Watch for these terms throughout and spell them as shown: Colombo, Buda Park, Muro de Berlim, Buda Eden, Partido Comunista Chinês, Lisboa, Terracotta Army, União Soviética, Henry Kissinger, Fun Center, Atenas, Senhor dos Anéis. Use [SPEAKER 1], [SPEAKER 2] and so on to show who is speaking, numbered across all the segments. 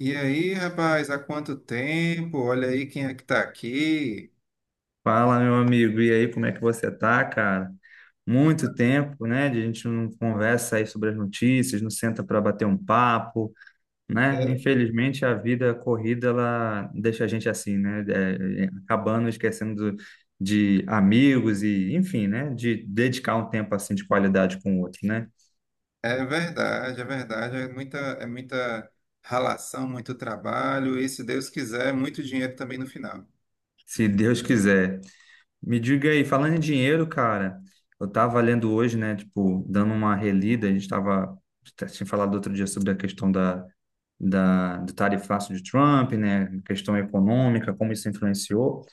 [SPEAKER 1] E aí, rapaz, há quanto tempo? Olha aí quem é que tá aqui.
[SPEAKER 2] Fala, meu amigo. E aí, como é que você tá, cara? Muito tempo, né? de A gente não conversa aí sobre as notícias, não senta para bater um papo, né?
[SPEAKER 1] É
[SPEAKER 2] Infelizmente, a vida corrida, ela deixa a gente assim, né? Acabando esquecendo de amigos e, enfim, né? De dedicar um tempo assim de qualidade com o outro, né?
[SPEAKER 1] é verdade, é verdade. É muita ralação, muito trabalho e, se Deus quiser, muito dinheiro também no final.
[SPEAKER 2] Se Deus quiser. Me diga aí, falando em dinheiro, cara, eu tava lendo hoje, né, tipo, dando uma relida, a gente tava, tinha falado outro dia sobre a questão da, do tarifaço de Trump, né, questão econômica, como isso influenciou.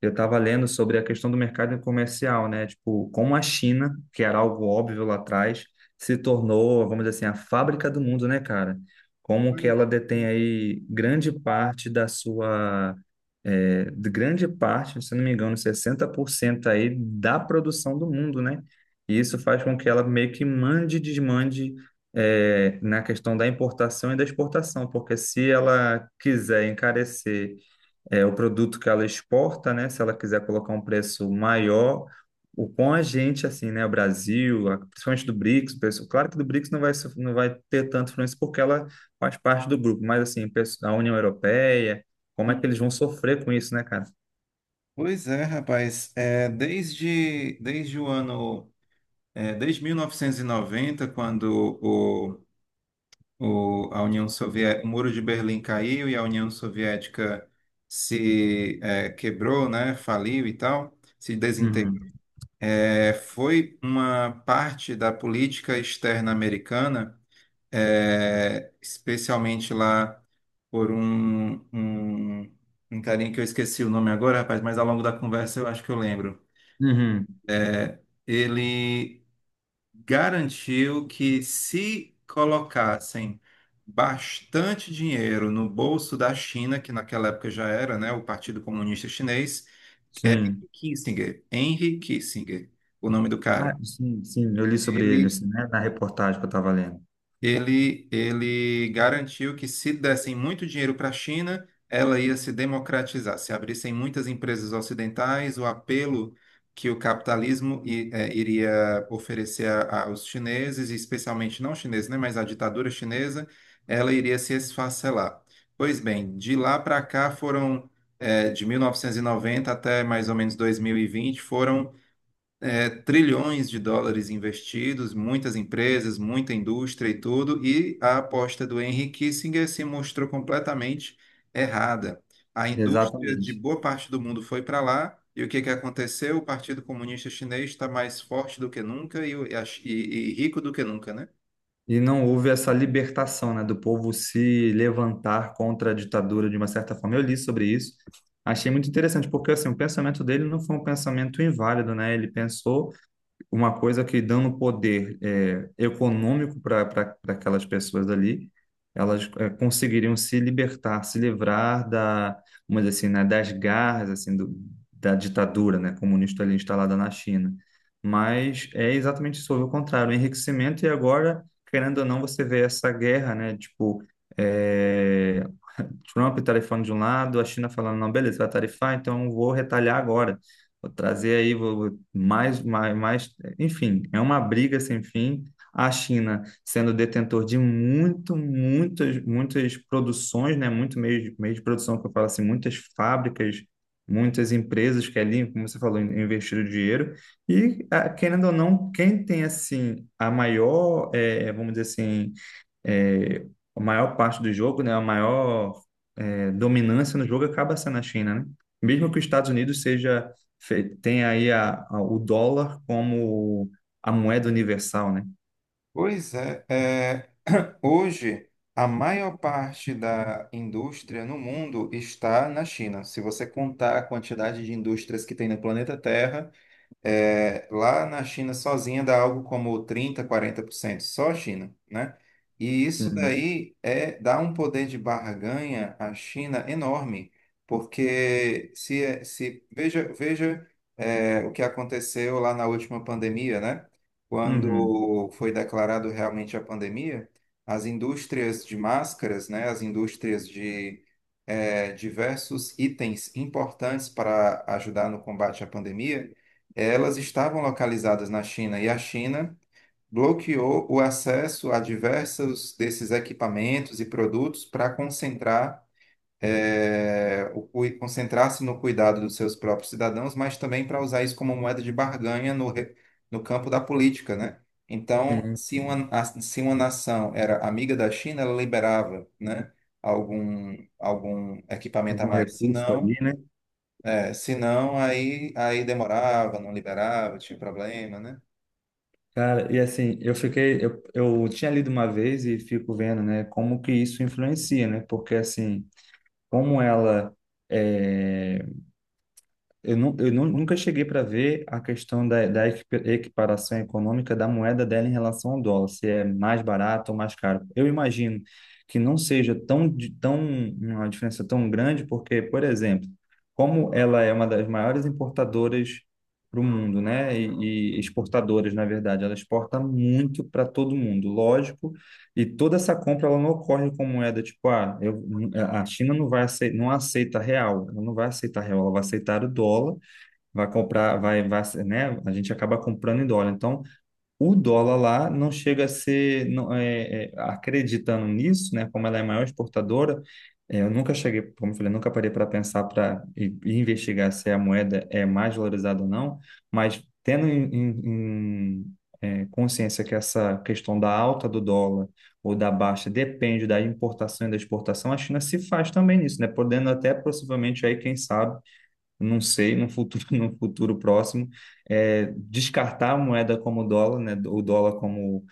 [SPEAKER 2] Eu estava lendo sobre a questão do mercado comercial, né? Tipo, como a China, que era algo óbvio lá atrás, se tornou, vamos dizer assim, a fábrica do mundo, né, cara? Como que ela
[SPEAKER 1] Pois,
[SPEAKER 2] detém aí grande parte da sua, de grande parte, se não me engano, 60% aí da produção do mundo, né? E isso faz com que ela meio que mande e desmande na questão da importação e da exportação, porque se ela quiser encarecer o produto que ela exporta, né? Se ela quiser colocar um preço maior, o com a gente, assim, né? O Brasil, principalmente do BRICS, claro que do BRICS não vai, não vai ter tanto influência porque ela faz parte do grupo, mas assim, a União Europeia, como é que
[SPEAKER 1] hum.
[SPEAKER 2] eles vão sofrer com isso, né, cara?
[SPEAKER 1] Pois é, rapaz. É, desde o ano, é, desde 1990, quando a União Soviética, o Muro de Berlim caiu e a União Soviética se quebrou, né? Faliu e tal, se desintegrou.
[SPEAKER 2] Uhum.
[SPEAKER 1] É, foi uma parte da política externa americana, especialmente lá por um carinha que eu esqueci o nome agora, rapaz, mas ao longo da conversa eu acho que eu lembro.
[SPEAKER 2] Uhum.
[SPEAKER 1] É, ele garantiu que se colocassem bastante dinheiro no bolso da China, que naquela época já era, né, o Partido Comunista Chinês,
[SPEAKER 2] Sim.
[SPEAKER 1] Henry Kissinger, Henry Kissinger, o nome do
[SPEAKER 2] Ah,
[SPEAKER 1] cara.
[SPEAKER 2] sim, sim, eu li sobre ele,
[SPEAKER 1] ele,
[SPEAKER 2] assim, né? Na reportagem que eu estava lendo.
[SPEAKER 1] ele, ele garantiu que se dessem muito dinheiro para a China, ela ia se democratizar. Se abrissem muitas empresas ocidentais, o apelo que o capitalismo iria oferecer aos chineses, e especialmente não chineses, né, mas à ditadura chinesa, ela iria se esfacelar. Pois bem, de lá para cá foram, de 1990 até mais ou menos 2020 foram trilhões de dólares investidos, muitas empresas, muita indústria e tudo, e a aposta do Henry Kissinger se mostrou completamente errada. A indústria de
[SPEAKER 2] Exatamente.
[SPEAKER 1] boa parte do mundo foi para lá, e o que que aconteceu? O Partido Comunista Chinês está mais forte do que nunca e, e rico do que nunca, né?
[SPEAKER 2] E não houve essa libertação, né, do povo se levantar contra a ditadura de uma certa forma. Eu li sobre isso, achei muito interessante, porque assim, o pensamento dele não foi um pensamento inválido, né? Ele pensou uma coisa que dando poder econômico para aquelas pessoas ali, elas conseguiriam se libertar, se livrar da, vamos dizer assim, né, das garras assim do, da ditadura, né, comunista ali instalada na China. Mas é exatamente sobre o contrário, o enriquecimento e agora, querendo ou não, você vê essa guerra, né, tipo é, Trump tarifando de um lado, a China falando, não, beleza, vai tarifar, então vou retalhar agora. Vou trazer aí vou, mais, mais, mais. Enfim, é uma briga sem fim. A China sendo detentor de muito, muitas, muitas produções, né? Muito meio, meio de produção, que eu falo assim, muitas fábricas, muitas empresas que ali, como você falou, investiram dinheiro. E, ah, querendo ou não, quem tem, assim, a maior, vamos dizer assim, é, a maior parte do jogo, né, a maior dominância no jogo acaba sendo a China, né? Mesmo que os Estados Unidos seja tenha aí o dólar como a moeda universal, né?
[SPEAKER 1] Pois é, hoje a maior parte da indústria no mundo está na China. Se você contar a quantidade de indústrias que tem no planeta Terra, lá na China sozinha dá algo como 30, 40% só a China, né? E isso
[SPEAKER 2] Sim.
[SPEAKER 1] daí dá um poder de barganha à China enorme, porque se, é, se veja o que aconteceu lá na última pandemia, né?
[SPEAKER 2] Uhum.
[SPEAKER 1] Quando foi declarado realmente a pandemia, as indústrias de máscaras, né? As indústrias de diversos itens importantes para ajudar no combate à pandemia elas estavam localizadas na China, e a China bloqueou o acesso a diversos desses equipamentos e produtos para concentrar, concentrar-se no cuidado dos seus próprios cidadãos, mas também para usar isso como moeda de barganha no campo da política, né? Então,
[SPEAKER 2] Tem
[SPEAKER 1] se uma nação era amiga da China, ela liberava, né, algum equipamento a
[SPEAKER 2] algum
[SPEAKER 1] mais. Se
[SPEAKER 2] recurso ali,
[SPEAKER 1] não,
[SPEAKER 2] né?
[SPEAKER 1] senão aí demorava, não liberava, tinha problema, né?
[SPEAKER 2] Cara, e assim, eu fiquei, eu tinha lido uma vez e fico vendo, né, como que isso influencia, né? Porque assim, como ela é, Eu nunca cheguei para ver a questão da equiparação econômica da moeda dela em relação ao dólar, se é mais barato ou mais caro. Eu imagino que não seja tão, tão uma diferença tão grande, porque, por exemplo, como ela é uma das maiores importadoras para o mundo, né? E exportadoras, na verdade, ela exporta muito para todo mundo. Lógico, e toda essa compra ela não ocorre com moeda, tipo, ah, eu, a China não vai aceitar, não aceita real, ela não vai aceitar real, ela vai aceitar o dólar, vai comprar, vai, vai, né? A gente acaba comprando em dólar. Então, o dólar lá não chega a ser, não, acreditando nisso, né? Como ela é a maior exportadora, é, eu nunca cheguei, como eu falei, nunca parei para pensar para investigar se a moeda é mais valorizada ou não, mas tendo em consciência que essa questão da alta do dólar ou da baixa depende da importação e da exportação, a China se faz também nisso, né? Podendo até possivelmente aí, quem sabe não sei, no futuro, no futuro próximo, é, descartar a moeda como o dólar, né, o dólar como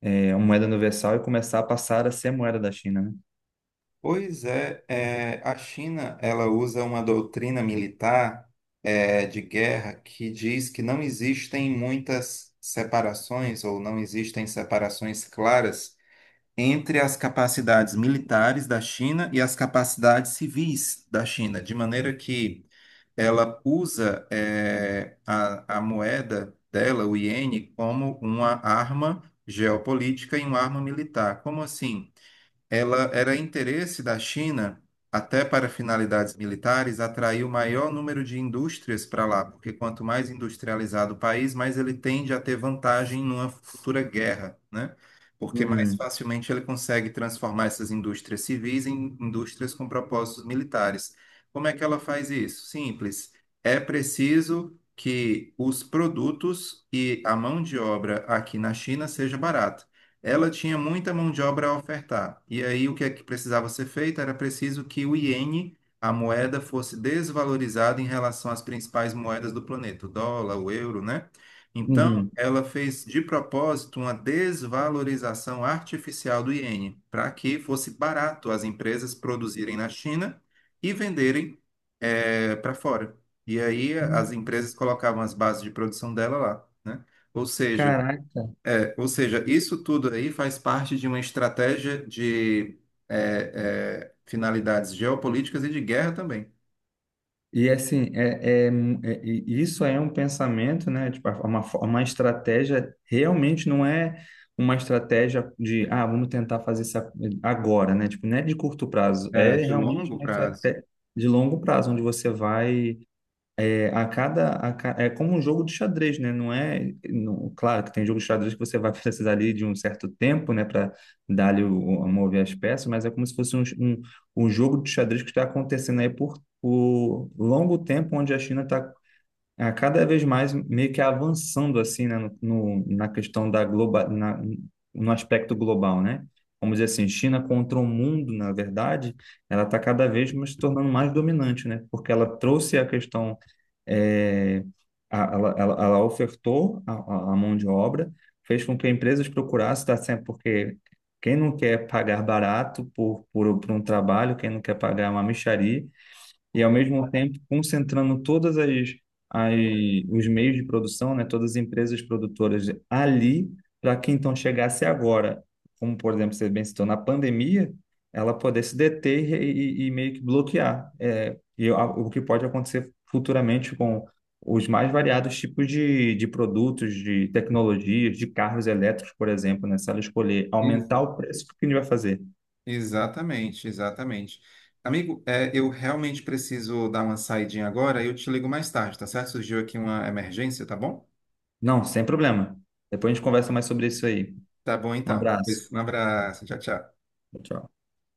[SPEAKER 2] uma moeda universal e começar a passar a ser a moeda da China, né?
[SPEAKER 1] Pois é, a China ela usa uma doutrina militar de guerra que diz que não existem muitas separações ou não existem separações claras entre as capacidades militares da China e as capacidades civis da China, de maneira que ela usa a moeda dela, o iene, como uma arma geopolítica e uma arma militar. Como assim? Ela era interesse da China, até para finalidades militares, atrair o maior número de indústrias para lá, porque quanto mais industrializado o país, mais ele tende a ter vantagem numa futura guerra, né? Porque mais
[SPEAKER 2] Uhum,
[SPEAKER 1] facilmente ele consegue transformar essas indústrias civis em indústrias com propósitos militares. Como é que ela faz isso? Simples. É preciso que os produtos e a mão de obra aqui na China seja barata, ela tinha muita mão de obra a ofertar. E aí o que é que precisava ser feito? Era preciso que o iene, a moeda, fosse desvalorizada em relação às principais moedas do planeta, o dólar, o euro, né? Então,
[SPEAKER 2] uhum.
[SPEAKER 1] ela fez de propósito uma desvalorização artificial do iene, para que fosse barato as empresas produzirem na China e venderem para fora. E aí as empresas colocavam as bases de produção dela lá, né? Ou seja,
[SPEAKER 2] Caraca.
[SPEAKER 1] ou seja, isso tudo aí faz parte de uma estratégia de finalidades geopolíticas e de guerra também,
[SPEAKER 2] E assim, e isso é um pensamento, né? Tipo, é uma, é uma estratégia, realmente não é uma estratégia de, ah, vamos tentar fazer isso agora, né? Tipo, não é de curto prazo, é
[SPEAKER 1] de
[SPEAKER 2] realmente
[SPEAKER 1] longo
[SPEAKER 2] uma
[SPEAKER 1] prazo.
[SPEAKER 2] estratégia de longo prazo, onde você vai a cada, é como um jogo de xadrez, né? Não é, não- claro que tem jogo de xadrez que você vai precisar ali de um certo tempo, né, para dar ali o, mover as peças, mas é como se fosse um jogo de xadrez que está acontecendo aí por longo tempo, onde a China está é, cada vez mais meio que avançando assim, né, no, na questão da global, na, no aspecto global, né? Vamos dizer assim, China contra o mundo, na verdade, ela está cada vez mais se tornando mais dominante, né? Porque ela trouxe a questão, é, ela ofertou a, a mão de obra, fez com que empresas procurassem, tá sempre porque quem não quer pagar barato por um trabalho, quem não quer pagar uma mixaria, e ao mesmo tempo concentrando todas as, as os meios de produção, né, todas as empresas produtoras ali, para que então chegasse agora, como por exemplo você bem citou, na pandemia, ela poder se deter e meio que bloquear o que pode acontecer futuramente com os mais variados tipos de produtos, de tecnologias, de carros elétricos, por exemplo, né? Se ela escolher
[SPEAKER 1] Ex-
[SPEAKER 2] aumentar o preço, o que a gente vai fazer?
[SPEAKER 1] Exatamente, exatamente. Amigo, eu realmente preciso dar uma saidinha agora e eu te ligo mais tarde, tá certo? Surgiu aqui uma emergência, tá bom?
[SPEAKER 2] Não, sem problema. Depois a gente conversa mais sobre isso aí.
[SPEAKER 1] Tá bom
[SPEAKER 2] Um
[SPEAKER 1] então.
[SPEAKER 2] abraço.
[SPEAKER 1] Pois, um abraço, tchau, tchau.
[SPEAKER 2] Tchau.